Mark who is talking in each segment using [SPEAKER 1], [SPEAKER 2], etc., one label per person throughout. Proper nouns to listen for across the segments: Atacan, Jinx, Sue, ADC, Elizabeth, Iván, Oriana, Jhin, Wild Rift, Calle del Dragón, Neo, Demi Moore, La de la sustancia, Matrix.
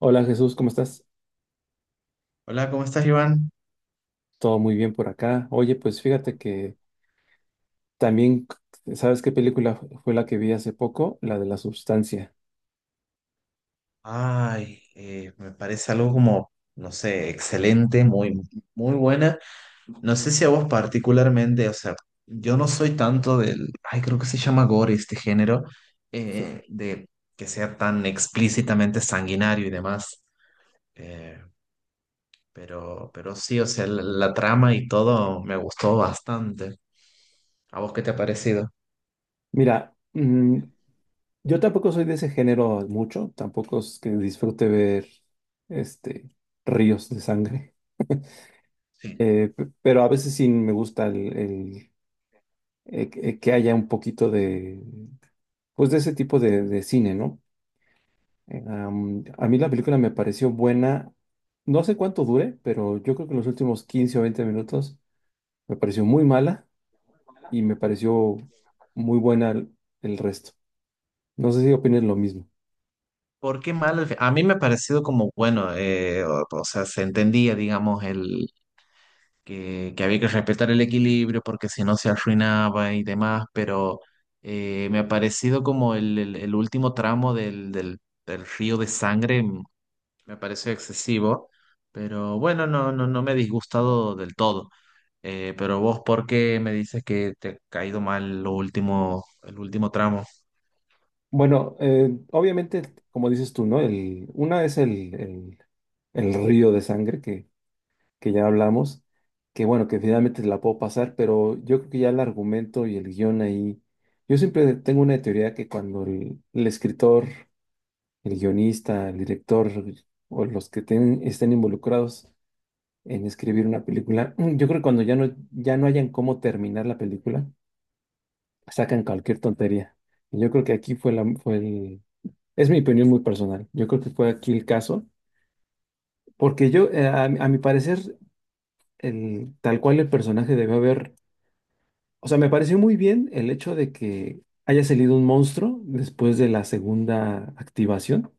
[SPEAKER 1] Hola Jesús, ¿cómo estás?
[SPEAKER 2] Hola, ¿cómo estás, Iván?
[SPEAKER 1] Todo muy bien por acá. Oye, pues fíjate que también, ¿sabes qué película fue la que vi hace poco? La de la sustancia.
[SPEAKER 2] Ay, me parece algo como, no sé, excelente, muy buena. No sé si a vos particularmente, o sea, yo no soy tanto del, ay, creo que se llama gore este género,
[SPEAKER 1] Sí.
[SPEAKER 2] de que sea tan explícitamente sanguinario y demás. Eh, pero sí, o sea, la trama y todo me gustó bastante. ¿A vos qué te ha parecido?
[SPEAKER 1] Mira, yo tampoco soy de ese género mucho, tampoco es que disfrute ver este, ríos de sangre.
[SPEAKER 2] Sí.
[SPEAKER 1] Pero a veces sí me gusta que haya un poquito de, pues de ese tipo de cine, ¿no? A mí la película me pareció buena. No sé cuánto dure, pero yo creo que en los últimos 15 o 20 minutos me pareció muy mala y me pareció muy buena el resto. No sé si opinas lo mismo.
[SPEAKER 2] ¿Por qué mal al fin? A mí me ha parecido como, bueno, o sea, se entendía, digamos, el que había que respetar el equilibrio porque si no se arruinaba y demás, pero me ha parecido como el último tramo del río de sangre, me pareció excesivo, pero bueno, no me he disgustado del todo. Pero vos, ¿por qué me dices que te ha caído mal lo último, el último tramo?
[SPEAKER 1] Bueno, obviamente, como dices tú, ¿no? Una es el río de sangre que ya hablamos, que bueno, que finalmente la puedo pasar, pero yo creo que ya el argumento y el guión ahí, yo siempre tengo una teoría que cuando el escritor, el guionista, el director o los que estén involucrados en escribir una película, yo creo que cuando ya no hayan cómo terminar la película, sacan cualquier tontería. Y yo creo que aquí fue la, fue el, es mi opinión muy personal. Yo creo que fue aquí el caso, porque yo, a mi parecer, tal cual el personaje debió haber, o sea, me pareció muy bien el hecho de que haya salido un monstruo después de la segunda activación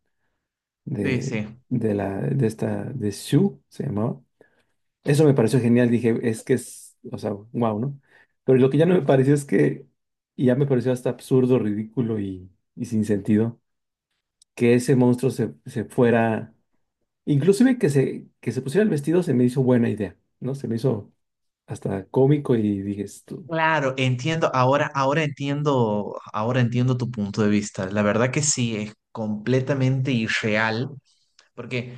[SPEAKER 2] Sí,
[SPEAKER 1] de,
[SPEAKER 2] sí.
[SPEAKER 1] de la, de esta, de Sue, se llamaba. Eso me pareció genial, dije, es que es, o sea, wow, ¿no? Pero lo que ya no me pareció es que, y ya me pareció hasta absurdo, ridículo y sin sentido, que ese monstruo se fuera, inclusive que se pusiera el vestido se me hizo buena idea, ¿no? Se me hizo hasta cómico y dije, esto.
[SPEAKER 2] Claro, entiendo, ahora entiendo tu punto de vista. La verdad que sí, es completamente irreal, porque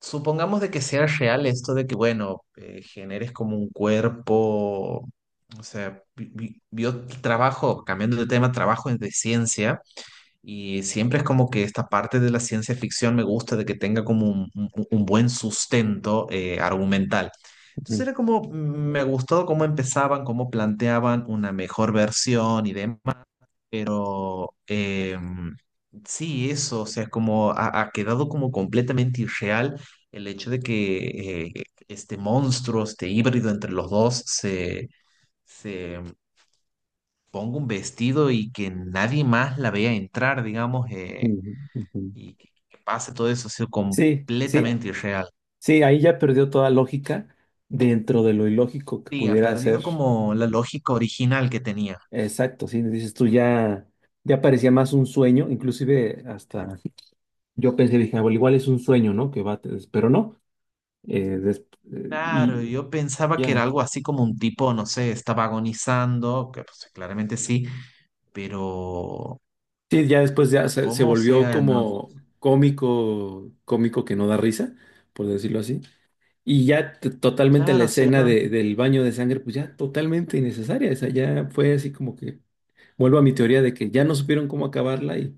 [SPEAKER 2] supongamos de que sea real esto de que, bueno, generes como un cuerpo, o sea, yo trabajo, cambiando de tema, trabajo de ciencia y siempre es como que esta parte de la ciencia ficción me gusta de que tenga como un, un buen sustento argumental. Entonces
[SPEAKER 1] Ujú,
[SPEAKER 2] era como, me gustó cómo empezaban, cómo planteaban una mejor versión y demás. Pero sí, eso, o sea, es como ha quedado como completamente irreal el hecho de que este monstruo, este híbrido entre los dos, se ponga un vestido y que nadie más la vea entrar, digamos,
[SPEAKER 1] ujú, ujú.
[SPEAKER 2] y que pase todo eso, ha sido
[SPEAKER 1] Sí, sí,
[SPEAKER 2] completamente irreal.
[SPEAKER 1] sí, ahí ya perdió toda lógica dentro de lo ilógico que
[SPEAKER 2] Sí, ha
[SPEAKER 1] pudiera
[SPEAKER 2] perdido
[SPEAKER 1] ser.
[SPEAKER 2] como la lógica original que tenía.
[SPEAKER 1] Exacto, sí, dices tú ya parecía más un sueño, inclusive hasta... Yo pensé, dije, "Ah, bueno, igual es un sueño, ¿no? Que va, pero no. eh, des- eh,
[SPEAKER 2] Claro,
[SPEAKER 1] y
[SPEAKER 2] yo pensaba que era
[SPEAKER 1] ya.
[SPEAKER 2] algo así como un tipo, no sé, estaba agonizando, que pues, claramente sí, pero
[SPEAKER 1] Sí, ya después ya se
[SPEAKER 2] ¿cómo? O
[SPEAKER 1] volvió
[SPEAKER 2] sea, no, no,
[SPEAKER 1] como cómico, cómico que no da risa, por decirlo así. Y ya totalmente la
[SPEAKER 2] claro, o sea,
[SPEAKER 1] escena
[SPEAKER 2] no-
[SPEAKER 1] del baño de sangre, pues ya totalmente innecesaria. Esa ya fue así como que, vuelvo a mi teoría de que ya no supieron cómo acabarla,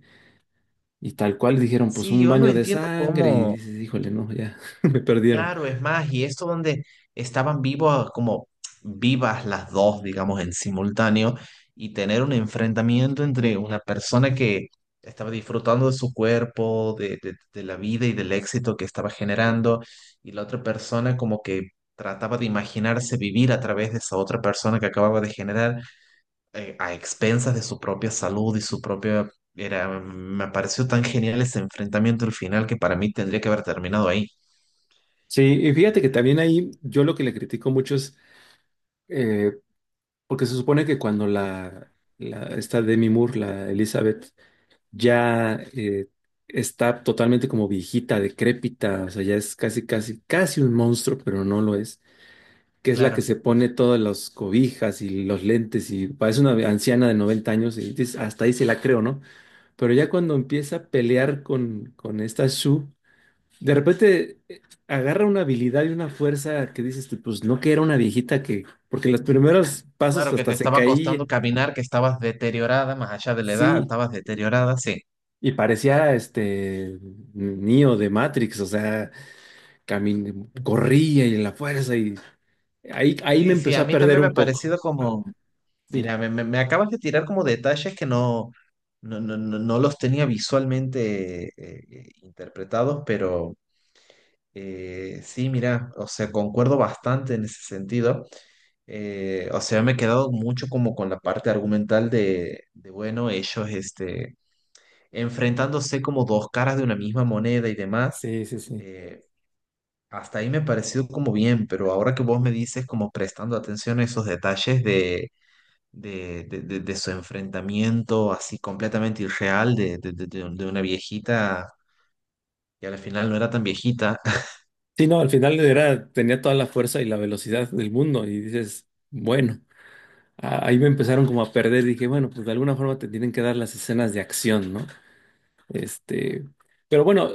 [SPEAKER 1] y tal cual dijeron, pues
[SPEAKER 2] sí,
[SPEAKER 1] un
[SPEAKER 2] yo no
[SPEAKER 1] baño de
[SPEAKER 2] entiendo
[SPEAKER 1] sangre y
[SPEAKER 2] cómo,
[SPEAKER 1] dices, híjole, no, ya me perdieron.
[SPEAKER 2] claro, es más, y esto donde estaban vivos, como vivas las dos, digamos, en simultáneo, y tener un enfrentamiento entre una persona que estaba disfrutando de su cuerpo, de la vida y del éxito que estaba generando, y la otra persona como que trataba de imaginarse vivir a través de esa otra persona que acababa de generar a expensas de su propia salud y su propia... Era, me pareció tan genial ese enfrentamiento al final que para mí tendría que haber terminado ahí.
[SPEAKER 1] Sí, y fíjate que también
[SPEAKER 2] Eh,
[SPEAKER 1] ahí yo lo que le critico mucho es, eh, porque se supone que cuando la esta Demi Moore, la Elizabeth, ya está totalmente como viejita, decrépita, o sea, ya es casi, casi, casi un monstruo, pero no lo es, que es la que
[SPEAKER 2] claro,
[SPEAKER 1] se pone todas las cobijas y los lentes y parece una anciana de 90 años y dices, hasta ahí se la creo, ¿no? Pero ya cuando empieza a pelear con esta Sue, de repente agarra una habilidad y una fuerza que dices, tú, pues no que era una viejita que, porque los primeros pasos
[SPEAKER 2] claro que te
[SPEAKER 1] hasta se
[SPEAKER 2] estaba
[SPEAKER 1] caía.
[SPEAKER 2] costando caminar, que estabas deteriorada, más allá de la edad,
[SPEAKER 1] Sí,
[SPEAKER 2] estabas deteriorada, sí.
[SPEAKER 1] y parecía este Neo de Matrix, o sea, camin corría y la fuerza y ahí me
[SPEAKER 2] Sí, sí,
[SPEAKER 1] empezó
[SPEAKER 2] a
[SPEAKER 1] a
[SPEAKER 2] mí
[SPEAKER 1] perder
[SPEAKER 2] también me ha
[SPEAKER 1] un poco.
[SPEAKER 2] parecido
[SPEAKER 1] Ah,
[SPEAKER 2] como,
[SPEAKER 1] sí,
[SPEAKER 2] mira, me acabas de tirar como detalles que no, no, no, no los tenía visualmente interpretados, pero... sí, mira, o sea, concuerdo bastante en ese sentido. O sea, me he quedado mucho como con la parte argumental bueno, ellos este, enfrentándose como dos caras de una misma moneda y demás.
[SPEAKER 1] sí, sí, sí.
[SPEAKER 2] Eh, hasta ahí me ha parecido como bien, pero ahora que vos me dices como prestando atención a esos detalles de su enfrentamiento así completamente irreal de una viejita y al final no era tan viejita.
[SPEAKER 1] Sí, no, al final era, tenía toda la fuerza y la velocidad del mundo y dices, bueno, ahí me empezaron como a perder, dije, bueno, pues de alguna forma te tienen que dar las escenas de acción, ¿no? Este, pero bueno,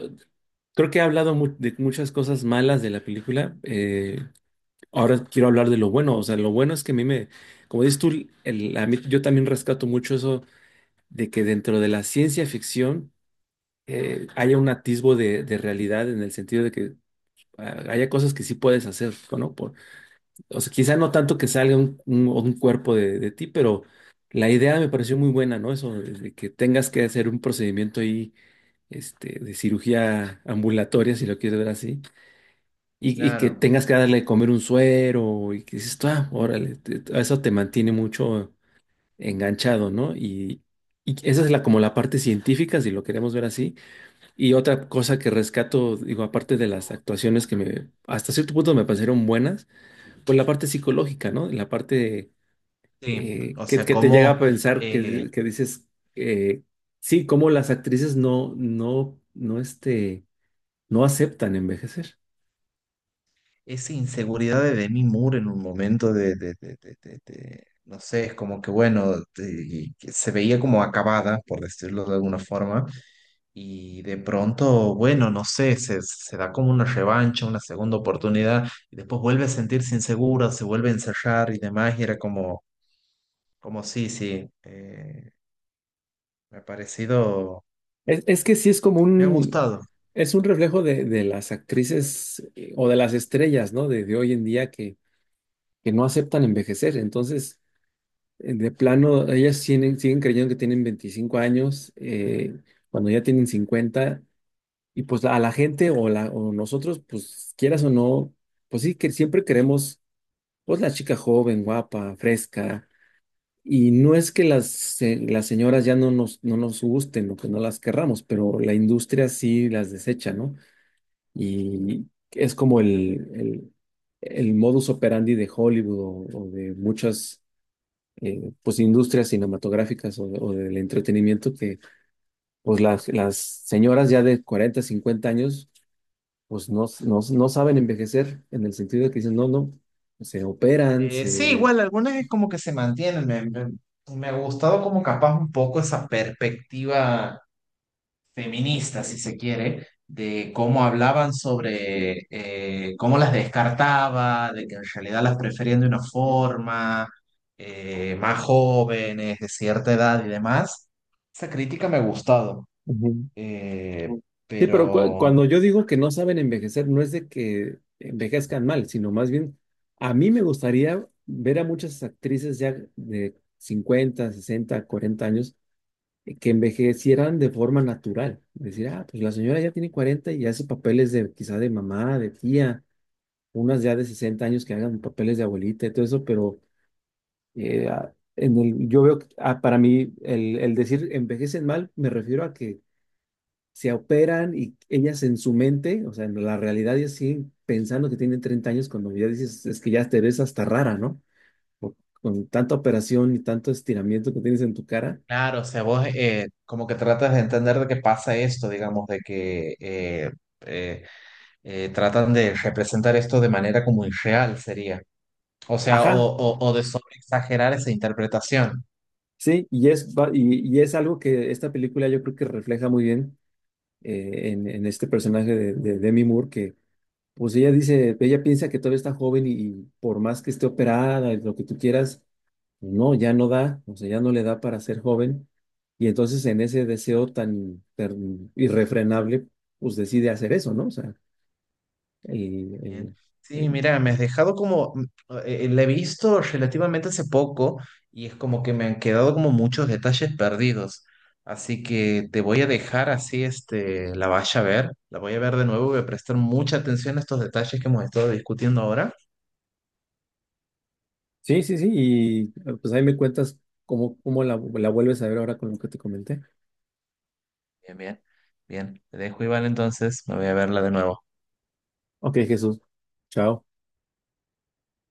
[SPEAKER 1] creo que he hablado de muchas cosas malas de la película. Ahora quiero hablar de lo bueno, o sea, lo bueno es que a mí me, como dices tú, yo también rescato mucho eso de que dentro de la ciencia ficción, haya un atisbo de realidad en el sentido de que haya cosas que sí puedes hacer, ¿no? O sea, quizá no tanto que salga un cuerpo de ti, pero la idea me pareció muy buena, ¿no? Eso de que tengas que hacer un procedimiento ahí, de cirugía ambulatoria, si lo quieres ver así, y que
[SPEAKER 2] Claro.
[SPEAKER 1] tengas que darle de comer un suero y que dices, tú, ah, órale, eso te mantiene mucho enganchado, ¿no? Y esa es como la parte científica, si lo queremos ver así. Y otra cosa que rescato, digo, aparte de las actuaciones que me, hasta cierto punto me parecieron buenas, pues la parte psicológica, ¿no? La parte
[SPEAKER 2] Sí, o sea,
[SPEAKER 1] que te llega
[SPEAKER 2] como
[SPEAKER 1] a pensar,
[SPEAKER 2] eh,
[SPEAKER 1] que dices, eh, sí, como las actrices no aceptan envejecer.
[SPEAKER 2] esa inseguridad de Demi Moore en un momento de no sé, es como que bueno, de- que se veía como acabada, por decirlo de alguna forma, y de pronto, bueno, no sé, se da como una revancha, una segunda oportunidad, y después vuelve a sentirse insegura, se vuelve a ensayar y demás, y era como, como sí, sí, me ha parecido,
[SPEAKER 1] Es que sí es como
[SPEAKER 2] me ha
[SPEAKER 1] un,
[SPEAKER 2] gustado.
[SPEAKER 1] es un reflejo de las actrices, o de las estrellas, ¿no? De hoy en día que no aceptan envejecer. Entonces, de plano, ellas siguen creyendo que tienen 25 años, cuando ya tienen 50, y pues a la gente o, la, o nosotros, pues quieras o no, pues sí, que siempre queremos, pues la chica joven, guapa, fresca, y no es que las señoras ya no nos gusten o que no las querramos, pero la industria sí las desecha, ¿no? Y es como el modus operandi de Hollywood o de muchas, pues industrias cinematográficas o del entretenimiento, que pues las señoras ya de 40 50 años, pues no saben envejecer en el sentido de que dicen, no, no, se operan,
[SPEAKER 2] Sí,
[SPEAKER 1] se...
[SPEAKER 2] igual algunas es como que se mantienen. Me ha gustado como capaz un poco esa perspectiva feminista, si se quiere, de cómo hablaban sobre cómo las descartaba, de que en realidad las preferían de una forma, más jóvenes, de cierta edad y demás. Esa crítica me ha gustado.
[SPEAKER 1] Ujú.
[SPEAKER 2] Eh,
[SPEAKER 1] Sí, pero
[SPEAKER 2] pero
[SPEAKER 1] cuando yo digo que no saben envejecer, no es de que envejezcan mal, sino más bien, a mí me gustaría ver a muchas actrices ya de 50, 60, 40 años, que envejecieran de forma natural. Decir, ah, pues la señora ya tiene 40 y hace papeles de quizá de mamá, de tía, unas ya de 60 años que hagan papeles de abuelita y todo eso, pero en el, yo veo, que, para mí, el, decir envejecen mal, me refiero a que se operan y ellas en su mente, o sea, en la realidad, ellas siguen pensando que tienen 30 años cuando ya dices, es que ya te ves hasta rara, ¿no? Por- con tanta operación y tanto estiramiento que tienes en tu cara.
[SPEAKER 2] claro, o sea, vos como que tratas de entender de qué pasa esto, digamos, de que... eh, tratan de representar esto de manera como irreal sería. O sea,
[SPEAKER 1] Ajá,
[SPEAKER 2] o de sobreexagerar esa interpretación.
[SPEAKER 1] sí, y es algo que esta película yo creo que refleja muy bien, en este personaje de Demi Moore, que pues ella dice, ella piensa que todavía está joven y por más que esté operada, y lo que tú quieras, pues, no, ya no da, o sea, ya no le da para ser joven. Y entonces en ese deseo tan, tan irrefrenable, pues decide hacer eso, ¿no? O sea, y, eh,
[SPEAKER 2] Bien.
[SPEAKER 1] eh,
[SPEAKER 2] Sí, mira, me has dejado como, la he visto relativamente hace poco y es como que me han quedado como muchos detalles perdidos. Así que te voy a dejar así, este, la vaya a ver, la voy a ver de nuevo, voy a prestar mucha atención a estos detalles que hemos estado discutiendo ahora.
[SPEAKER 1] sí, sí, sí, pues ahí me cuentas cómo la vuelves a ver ahora con lo que te comenté.
[SPEAKER 2] Bien, bien, bien. Te dejo, Iván, entonces. Me voy a verla de nuevo.
[SPEAKER 1] Ok, Jesús, chao.